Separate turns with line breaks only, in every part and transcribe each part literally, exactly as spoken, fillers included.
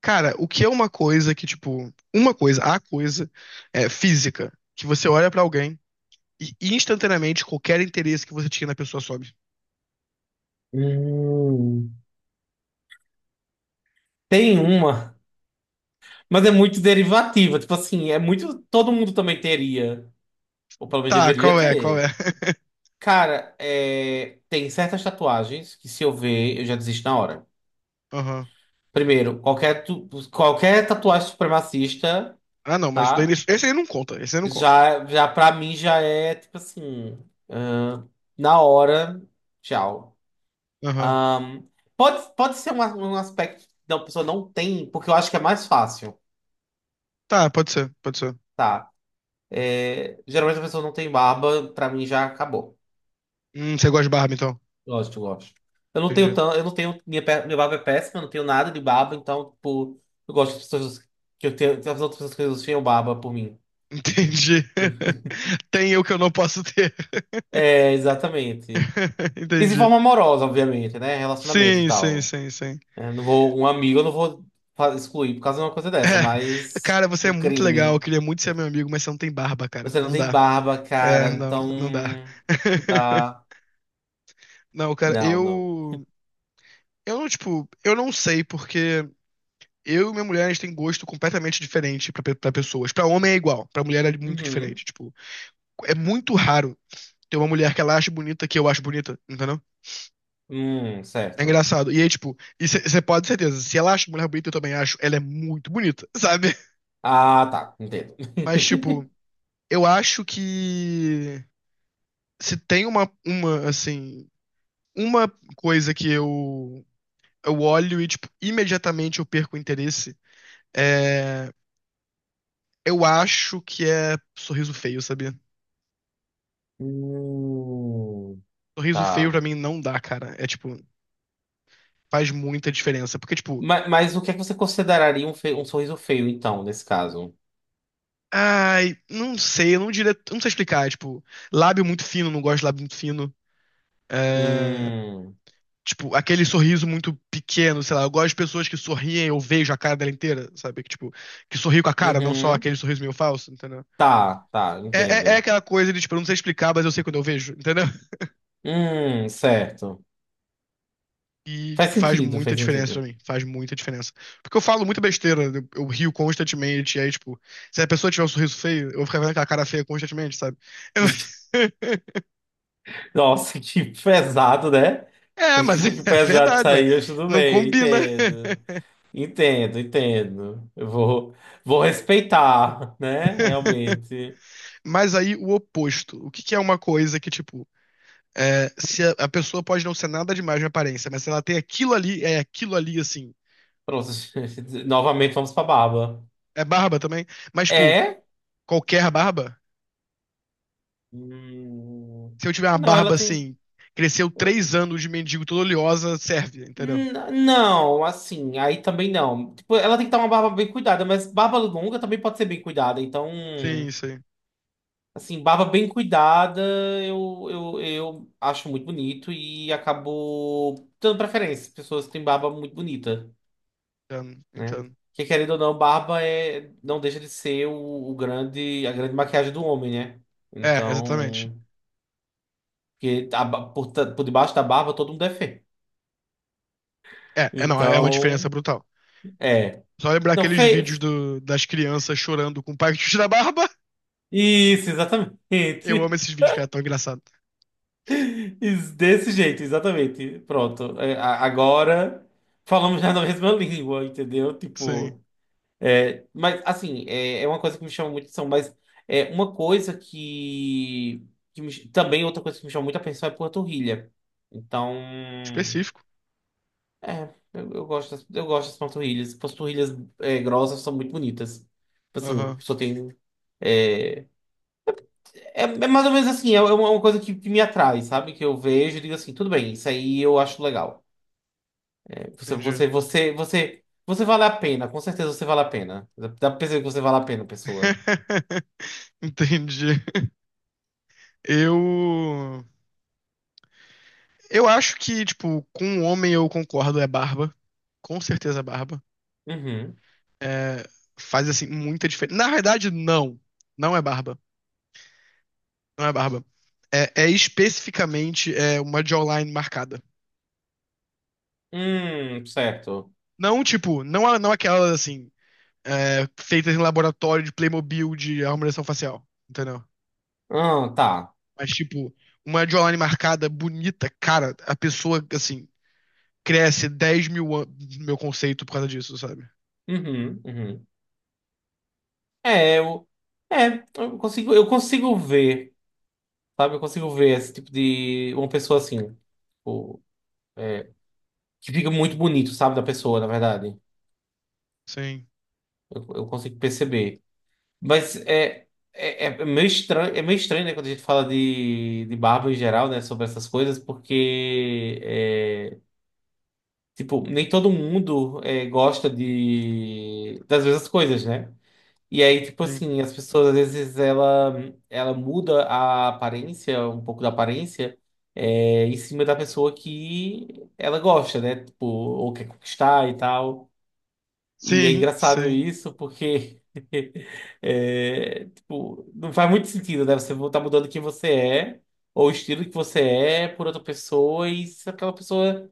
Cara, o que é uma coisa que, tipo, uma coisa, a coisa é física, que você olha pra alguém e instantaneamente qualquer interesse que você tinha na pessoa sobe.
Hum, Tem uma, mas é muito derivativa. Tipo assim, é muito. Todo mundo também teria, ou pelo menos
Tá,
deveria
qual é? Qual é?
ter. Cara, é, tem certas tatuagens que se eu ver, eu já desisto na hora.
Aham.
Primeiro, qualquer, tu- qualquer tatuagem supremacista,
Ah, não, mas daí
tá?
isso- esse aí não conta, esse aí não conta.
Já, já pra mim já é tipo assim, ah, na hora, tchau.
Aham.
Ahn, pode, pode ser um, um aspecto que a pessoa não tem, porque eu acho que é mais fácil.
Tá, pode ser, pode ser.
Tá? É, geralmente a pessoa não tem barba, pra mim já acabou.
Hum, você gosta de barba, então?
Gosto, gosto. Eu não tenho
Entendi.
tanto, eu não tenho, minha, pe- minha barba é péssima, eu não tenho nada de barba, então, tipo, eu gosto das pessoas que eu tenho, das outras pessoas que tenham barba por mim.
Entendi. Tem eu que eu não posso ter.
É, exatamente. E de
Entendi.
forma amorosa, obviamente, né? Relacionamento e
Sim, sim,
tal.
sim, sim.
É, não vou, um amigo eu não vou fa- excluir por causa de uma coisa dessa,
É,
mas
cara, você é
um
muito legal, eu
crime.
queria muito ser meu amigo, mas você não tem barba, cara.
Você não
Não
tem
dá.
barba,
É,
cara,
não, não dá.
então. Ah,
Não, cara,
não, não.
eu. Eu não, tipo, eu não sei, porque eu e minha mulher, a gente tem gosto completamente diferente pra, pe- pra pessoas. Pra homem é igual, pra mulher é muito
Uhum.
diferente. Tipo, é muito raro ter uma mulher que ela acha bonita que eu acho bonita, entendeu?
Hum,
É
certo.
engraçado. E aí, tipo, você pode ter certeza, se ela acha mulher bonita, eu também acho, ela é muito bonita, sabe?
Ah, tá, entendo.
Mas, tipo, eu acho que se tem uma, uma, assim, uma coisa que eu eu olho e, tipo, imediatamente eu perco o interesse. É, eu acho que é sorriso feio, sabia?
Hum,
Sorriso feio
tá.
pra mim não dá, cara. É tipo, faz muita diferença. Porque, tipo,
Mas, mas o que é que você consideraria um, fe- um sorriso feio, então, nesse caso?
ai, não sei, eu não diria, eu não sei explicar. É, tipo, lábio muito fino, não gosto de lábio muito fino. É,
Hum,
tipo, aquele sorriso muito pequeno, sei lá. Eu gosto de pessoas que sorriem, eu vejo a cara dela inteira, sabe? Que, tipo, que sorri com a cara, não só
uhum.
aquele sorriso meio falso, entendeu?
Tá, tá,
É, é, é
entendo.
aquela coisa de, tipo, eu não sei explicar, mas eu sei quando eu vejo, entendeu?
Hum, certo.
E,
Faz
tipo, faz
sentido,
muita
faz
diferença pra
sentido.
mim. Faz muita diferença. Porque eu falo muita besteira, eu, eu rio constantemente, e aí, tipo, se a pessoa tiver um sorriso feio, eu vou ficar vendo aquela cara feia constantemente, sabe? Eu-
Nossa, que pesado, né?
É,
Que
mas
que
é
pesado
verdade, mano.
saiu, mas tudo
Não
bem,
combina.
entendo. Entendo, entendo. Eu vou, vou respeitar, né? Realmente.
Mas aí, o oposto. O que que é uma coisa que, tipo, é, se a, a pessoa pode não ser nada demais na aparência, mas se ela tem aquilo ali, é aquilo ali, assim.
Pronto, novamente vamos pra barba.
É barba também, mas, tipo,
É?
qualquer barba.
Hum,
Se eu tiver uma
não,
barba
ela tem.
assim, cresceu três
eh,
anos de mendigo toda oleosa, serve, entendeu?
N- Não, assim, aí também não. Tipo, ela tem que estar uma barba bem cuidada, mas barba longa também pode ser bem cuidada. Então,
Sim, sim.
assim, barba bem cuidada eu, eu, eu acho muito bonito e acabo dando preferência. Pessoas que têm barba muito bonita,
Entendo,
né?
entendo.
Porque querendo ou não, barba é, não deixa de ser o, o grande, a grande maquiagem do homem, né?
É, exatamente.
Então, porque a ba- por, ta- por debaixo da barba todo mundo é feio.
É, é não, é uma diferença
Então,
brutal.
é.
Só lembrar
Não,
aqueles
fe...
vídeos do- das crianças chorando com o pai que tira a barba.
Isso, exatamente.
Eu amo esses vídeos, cara, é tão engraçado.
Isso, desse jeito, exatamente. Pronto. É, a- agora falamos já na mesma língua, entendeu?
Sim.
Tipo, é, mas assim, é, é uma coisa que me chama muito atenção, mas é uma coisa que, que me- também outra coisa que me chama muito atenção é panturrilha. Então,
Específico.
é, eu, eu gosto das, eu gosto das panturrilhas. Panturrilhas é, grossas são muito bonitas. Tipo assim,
Aham,
só tem é, É, é mais ou menos assim, é é uma é uma coisa que, que me atrai, sabe? Que eu vejo e digo assim, tudo bem, isso aí eu acho legal. Você,
entendi.
você, você, você, você vale a pena, com certeza você vale a pena. Dá dá pra perceber que você vale a pena, pessoa.
Entendi. Eu. Eu acho que, tipo, com um homem eu concordo, é barba. Com certeza é barba.
Uhum.
É, faz assim muita diferença. Na verdade, não. Não é barba. Não é barba. É, é especificamente é, uma jawline marcada.
Hum, certo.
Não, tipo, não, a- não aquelas assim, é, feitas em laboratório de Playmobil de harmonização facial. Entendeu?
Ah, tá.
Mas, tipo, uma jawline marcada, bonita, cara, a pessoa, assim, cresce dez mil anos, meu conceito, por causa disso, sabe?
Uhum, uhum. É, eu, é, eu consigo, eu consigo ver. Sabe? Eu consigo ver esse tipo de. Uma pessoa assim. Tipo, é, que fica muito bonito, sabe? Da pessoa, na verdade.
Sim,
Eu, eu consigo perceber. Mas é. É, é meio estranho, é meio estranho, né, quando a gente fala de, de barba em geral, né, sobre essas coisas, porque, é, tipo, nem todo mundo é, gosta de, das mesmas coisas, né? E aí, tipo
sim.
assim, as pessoas às vezes ela, ela muda a aparência, um pouco da aparência, é, em cima da pessoa que ela gosta, né? Tipo, ou quer conquistar e tal. E é
Sim,
engraçado
sim.
isso porque, é, tipo, não faz muito sentido, né? Você tá mudando quem você é, ou o estilo que você é por outra pessoa, e se aquela pessoa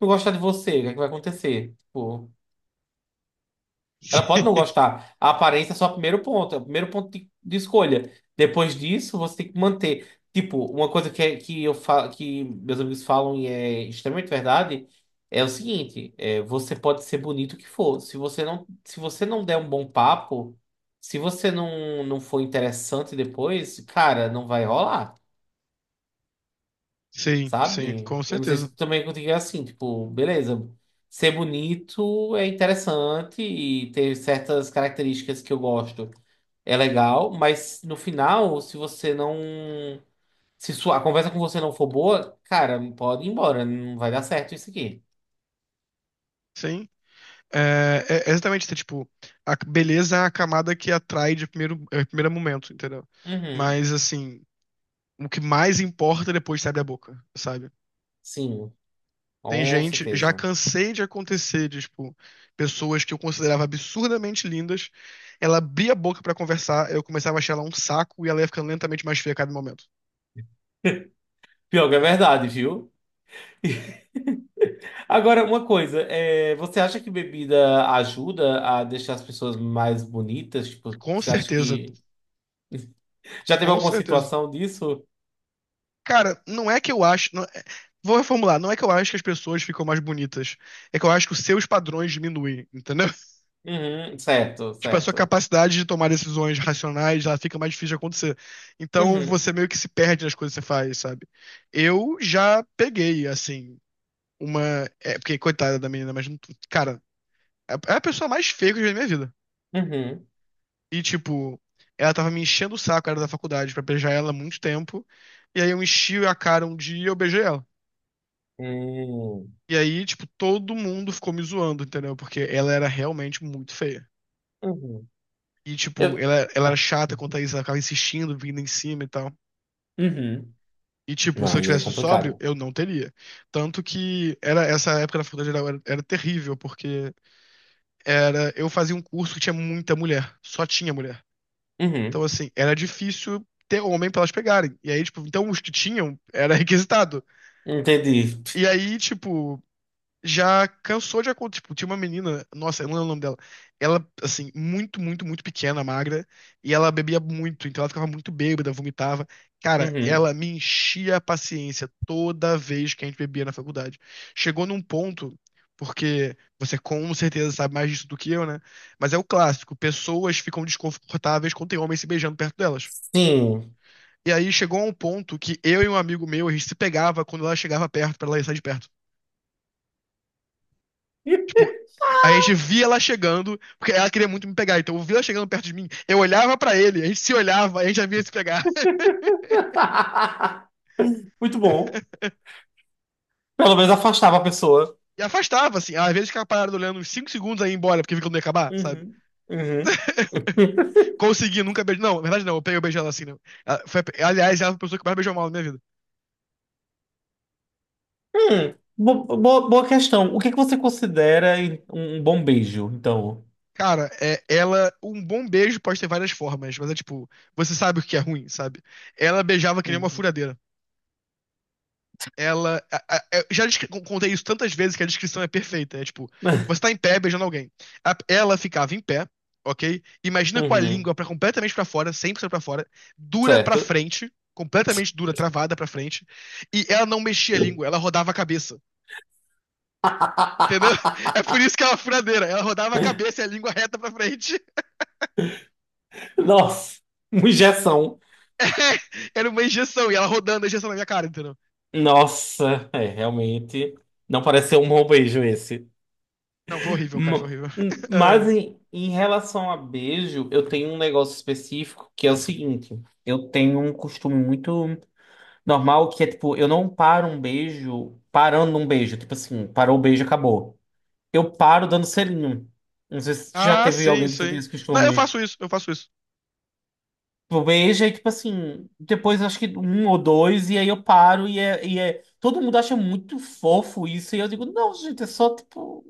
não gostar de você, o que é que vai acontecer? Tipo. Ela pode não gostar. A aparência é só o primeiro ponto, é o primeiro ponto de, de escolha. Depois disso, você tem que manter. Tipo, uma coisa que, é- que eu fa que meus amigos falam e é extremamente verdade é o seguinte: é, você pode ser bonito o que for. Se você não, se você não der um bom papo, se você não, não for interessante depois, cara, não vai rolar
Sim, sim,
sabe?
com
Eu não sei
certeza.
se também é contigo é assim, tipo, beleza, ser bonito é interessante e ter certas características que eu gosto é legal, mas no final, se você não. Se sua, a conversa com você não for boa, cara, pode ir embora, não vai dar certo isso aqui.
Sim. É, é é exatamente isso, é tipo, a beleza é a camada que atrai de primeiro, é, primeiro momento, entendeu?
Uhum,
Mas, assim, o que mais importa depois que abre a boca, sabe?
sim,
Tem
com
gente, já
certeza.
cansei de acontecer, de, tipo, pessoas que eu considerava absurdamente lindas, ela abria a boca pra conversar, eu começava a achar ela um saco e ela ia ficando lentamente mais feia a cada momento,
Pior que é
sabe?
verdade, viu? Agora, uma coisa, é, você acha que bebida ajuda a deixar as pessoas mais bonitas? Tipo,
Com
você acha
certeza,
que já teve
com
alguma
certeza.
situação disso?
Cara, não é que eu acho. Não- é, vou reformular. Não é que eu acho que as pessoas ficam mais bonitas. É que eu acho que os seus padrões diminuem, entendeu?
Uhum, certo,
Tipo, a sua
certo.
capacidade de tomar decisões racionais, ela fica mais difícil de acontecer. Então,
Uhum,
você meio que se perde nas coisas que você faz, sabe? Eu já peguei, assim, uma. É, porque, coitada da menina, mas. não- Cara, é é a pessoa mais feia que eu já vi na minha vida.
uhum,
E, tipo, ela tava me enchendo o saco, era da faculdade, pra beijar ela há muito tempo. E aí eu enchi a cara um dia e eu beijei ela.
uhum,
E aí, tipo, todo mundo ficou me zoando, entendeu? Porque ela era realmente muito feia.
uhum.
E, tipo,
Eu,
ela, ela era chata quanto a isso, ela ficava insistindo, vindo em cima e tal.
uhum.
E, tipo,
Não,
se eu
aí é
tivesse um sóbrio,
complicado.
eu não teria. Tanto que era essa época da faculdade geral era, era terrível, porque era eu fazia um curso que tinha muita mulher, só tinha mulher. Então,
Uhum,
assim, era difícil ter homem pra elas pegarem. E aí, tipo, então os que tinham era requisitado.
entendi.
E aí, tipo, já cansou de acontecer. Tipo, tinha uma menina, nossa, eu não lembro o nome dela. Ela, assim, muito, muito, muito pequena, magra, e ela bebia muito, então ela ficava muito bêbada, vomitava. Cara,
Uhum,
ela me enchia a paciência toda vez que a gente bebia na faculdade. Chegou num ponto, porque você com certeza sabe mais disso do que eu, né? Mas é o clássico, pessoas ficam desconfortáveis quando tem homem se beijando perto delas.
sim.
E aí chegou a um ponto que eu e um amigo meu, a gente se pegava quando ela chegava perto, pra ela sair de perto. Tipo, a gente via ela chegando, porque ela queria muito me pegar. Então eu via ela chegando perto de mim, eu olhava pra ele, a gente se olhava, a gente já via se pegar.
Muito bom. Pelo menos afastava a pessoa.
E afastava, assim. Às vezes ficava parado olhando uns cinco segundos aí embora, porque vi que não ia acabar, sabe?
Uhum, uhum.
Consegui, nunca beijei. Não, na verdade não, eu peguei eu beijei ela assim, né? Ela foi a- aliás, ela foi a pessoa que mais beijou mal na minha vida.
Hum, bo- bo- boa questão. O que que você considera um bom beijo, então?
Cara, é, ela. Um bom beijo pode ter várias formas, mas é tipo, você sabe o que é ruim, sabe? Ela beijava que nem uma
Uhum,
furadeira. Ela. A- a- eu já descre- contei isso tantas vezes que a descrição é perfeita. É tipo, você tá em pé beijando alguém. A- ela ficava em pé, ok? Imagina com a
uhum,
língua pra, completamente pra fora, cem por cento pra fora, dura pra
certo.
frente, completamente dura, travada pra frente, e ela não mexia a língua, ela rodava a cabeça, entendeu? É por isso que ela é uma furadeira, ela rodava a cabeça e a língua reta pra frente.
Nossa, uma injeção.
Era uma injeção, e ela rodando a injeção na minha cara, entendeu?
Nossa, é, realmente. Não parece ser um bom beijo esse.
Não, foi horrível, cara, foi
Ma-
horrível.
hum, Mas
É.
em, em relação a beijo, eu tenho um negócio específico que é o seguinte: eu tenho um costume muito normal que é tipo, eu não paro um beijo parando um beijo. Tipo assim, parou o beijo, acabou. Eu paro dando selinho. Não sei se já
Ah,
teve
sim,
alguém que tu tem
sim.
esse
Não, eu
costume.
faço isso, eu faço isso.
Tipo, veja e, tipo assim, depois acho que um ou dois, e aí eu paro e é, e é. Todo mundo acha muito fofo isso, e eu digo, não, gente, é só tipo.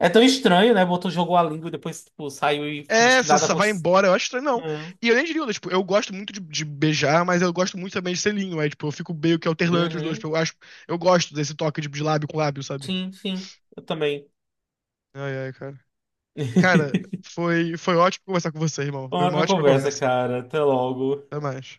É tão estranho, né? Botou, jogou a língua e depois, tipo, saiu e finge
É,
que
só,
nada
só vai
aconteceu.
embora, eu acho estranho, não.
Hum,
E eu nem diria, tipo, eu gosto muito de, de beijar, mas eu gosto muito também de selinho, aí, tipo, eu fico meio que alternando entre os dois, tipo,
Uhum.
eu acho, eu gosto desse toque de, de lábio com lábio, sabe?
Sim, sim, eu também.
Ai, ai, cara. Cara, foi, foi ótimo conversar com você, irmão. Foi
Uma
uma
ótima
ótima
conversa,
conversa.
cara. Até logo.
Até mais.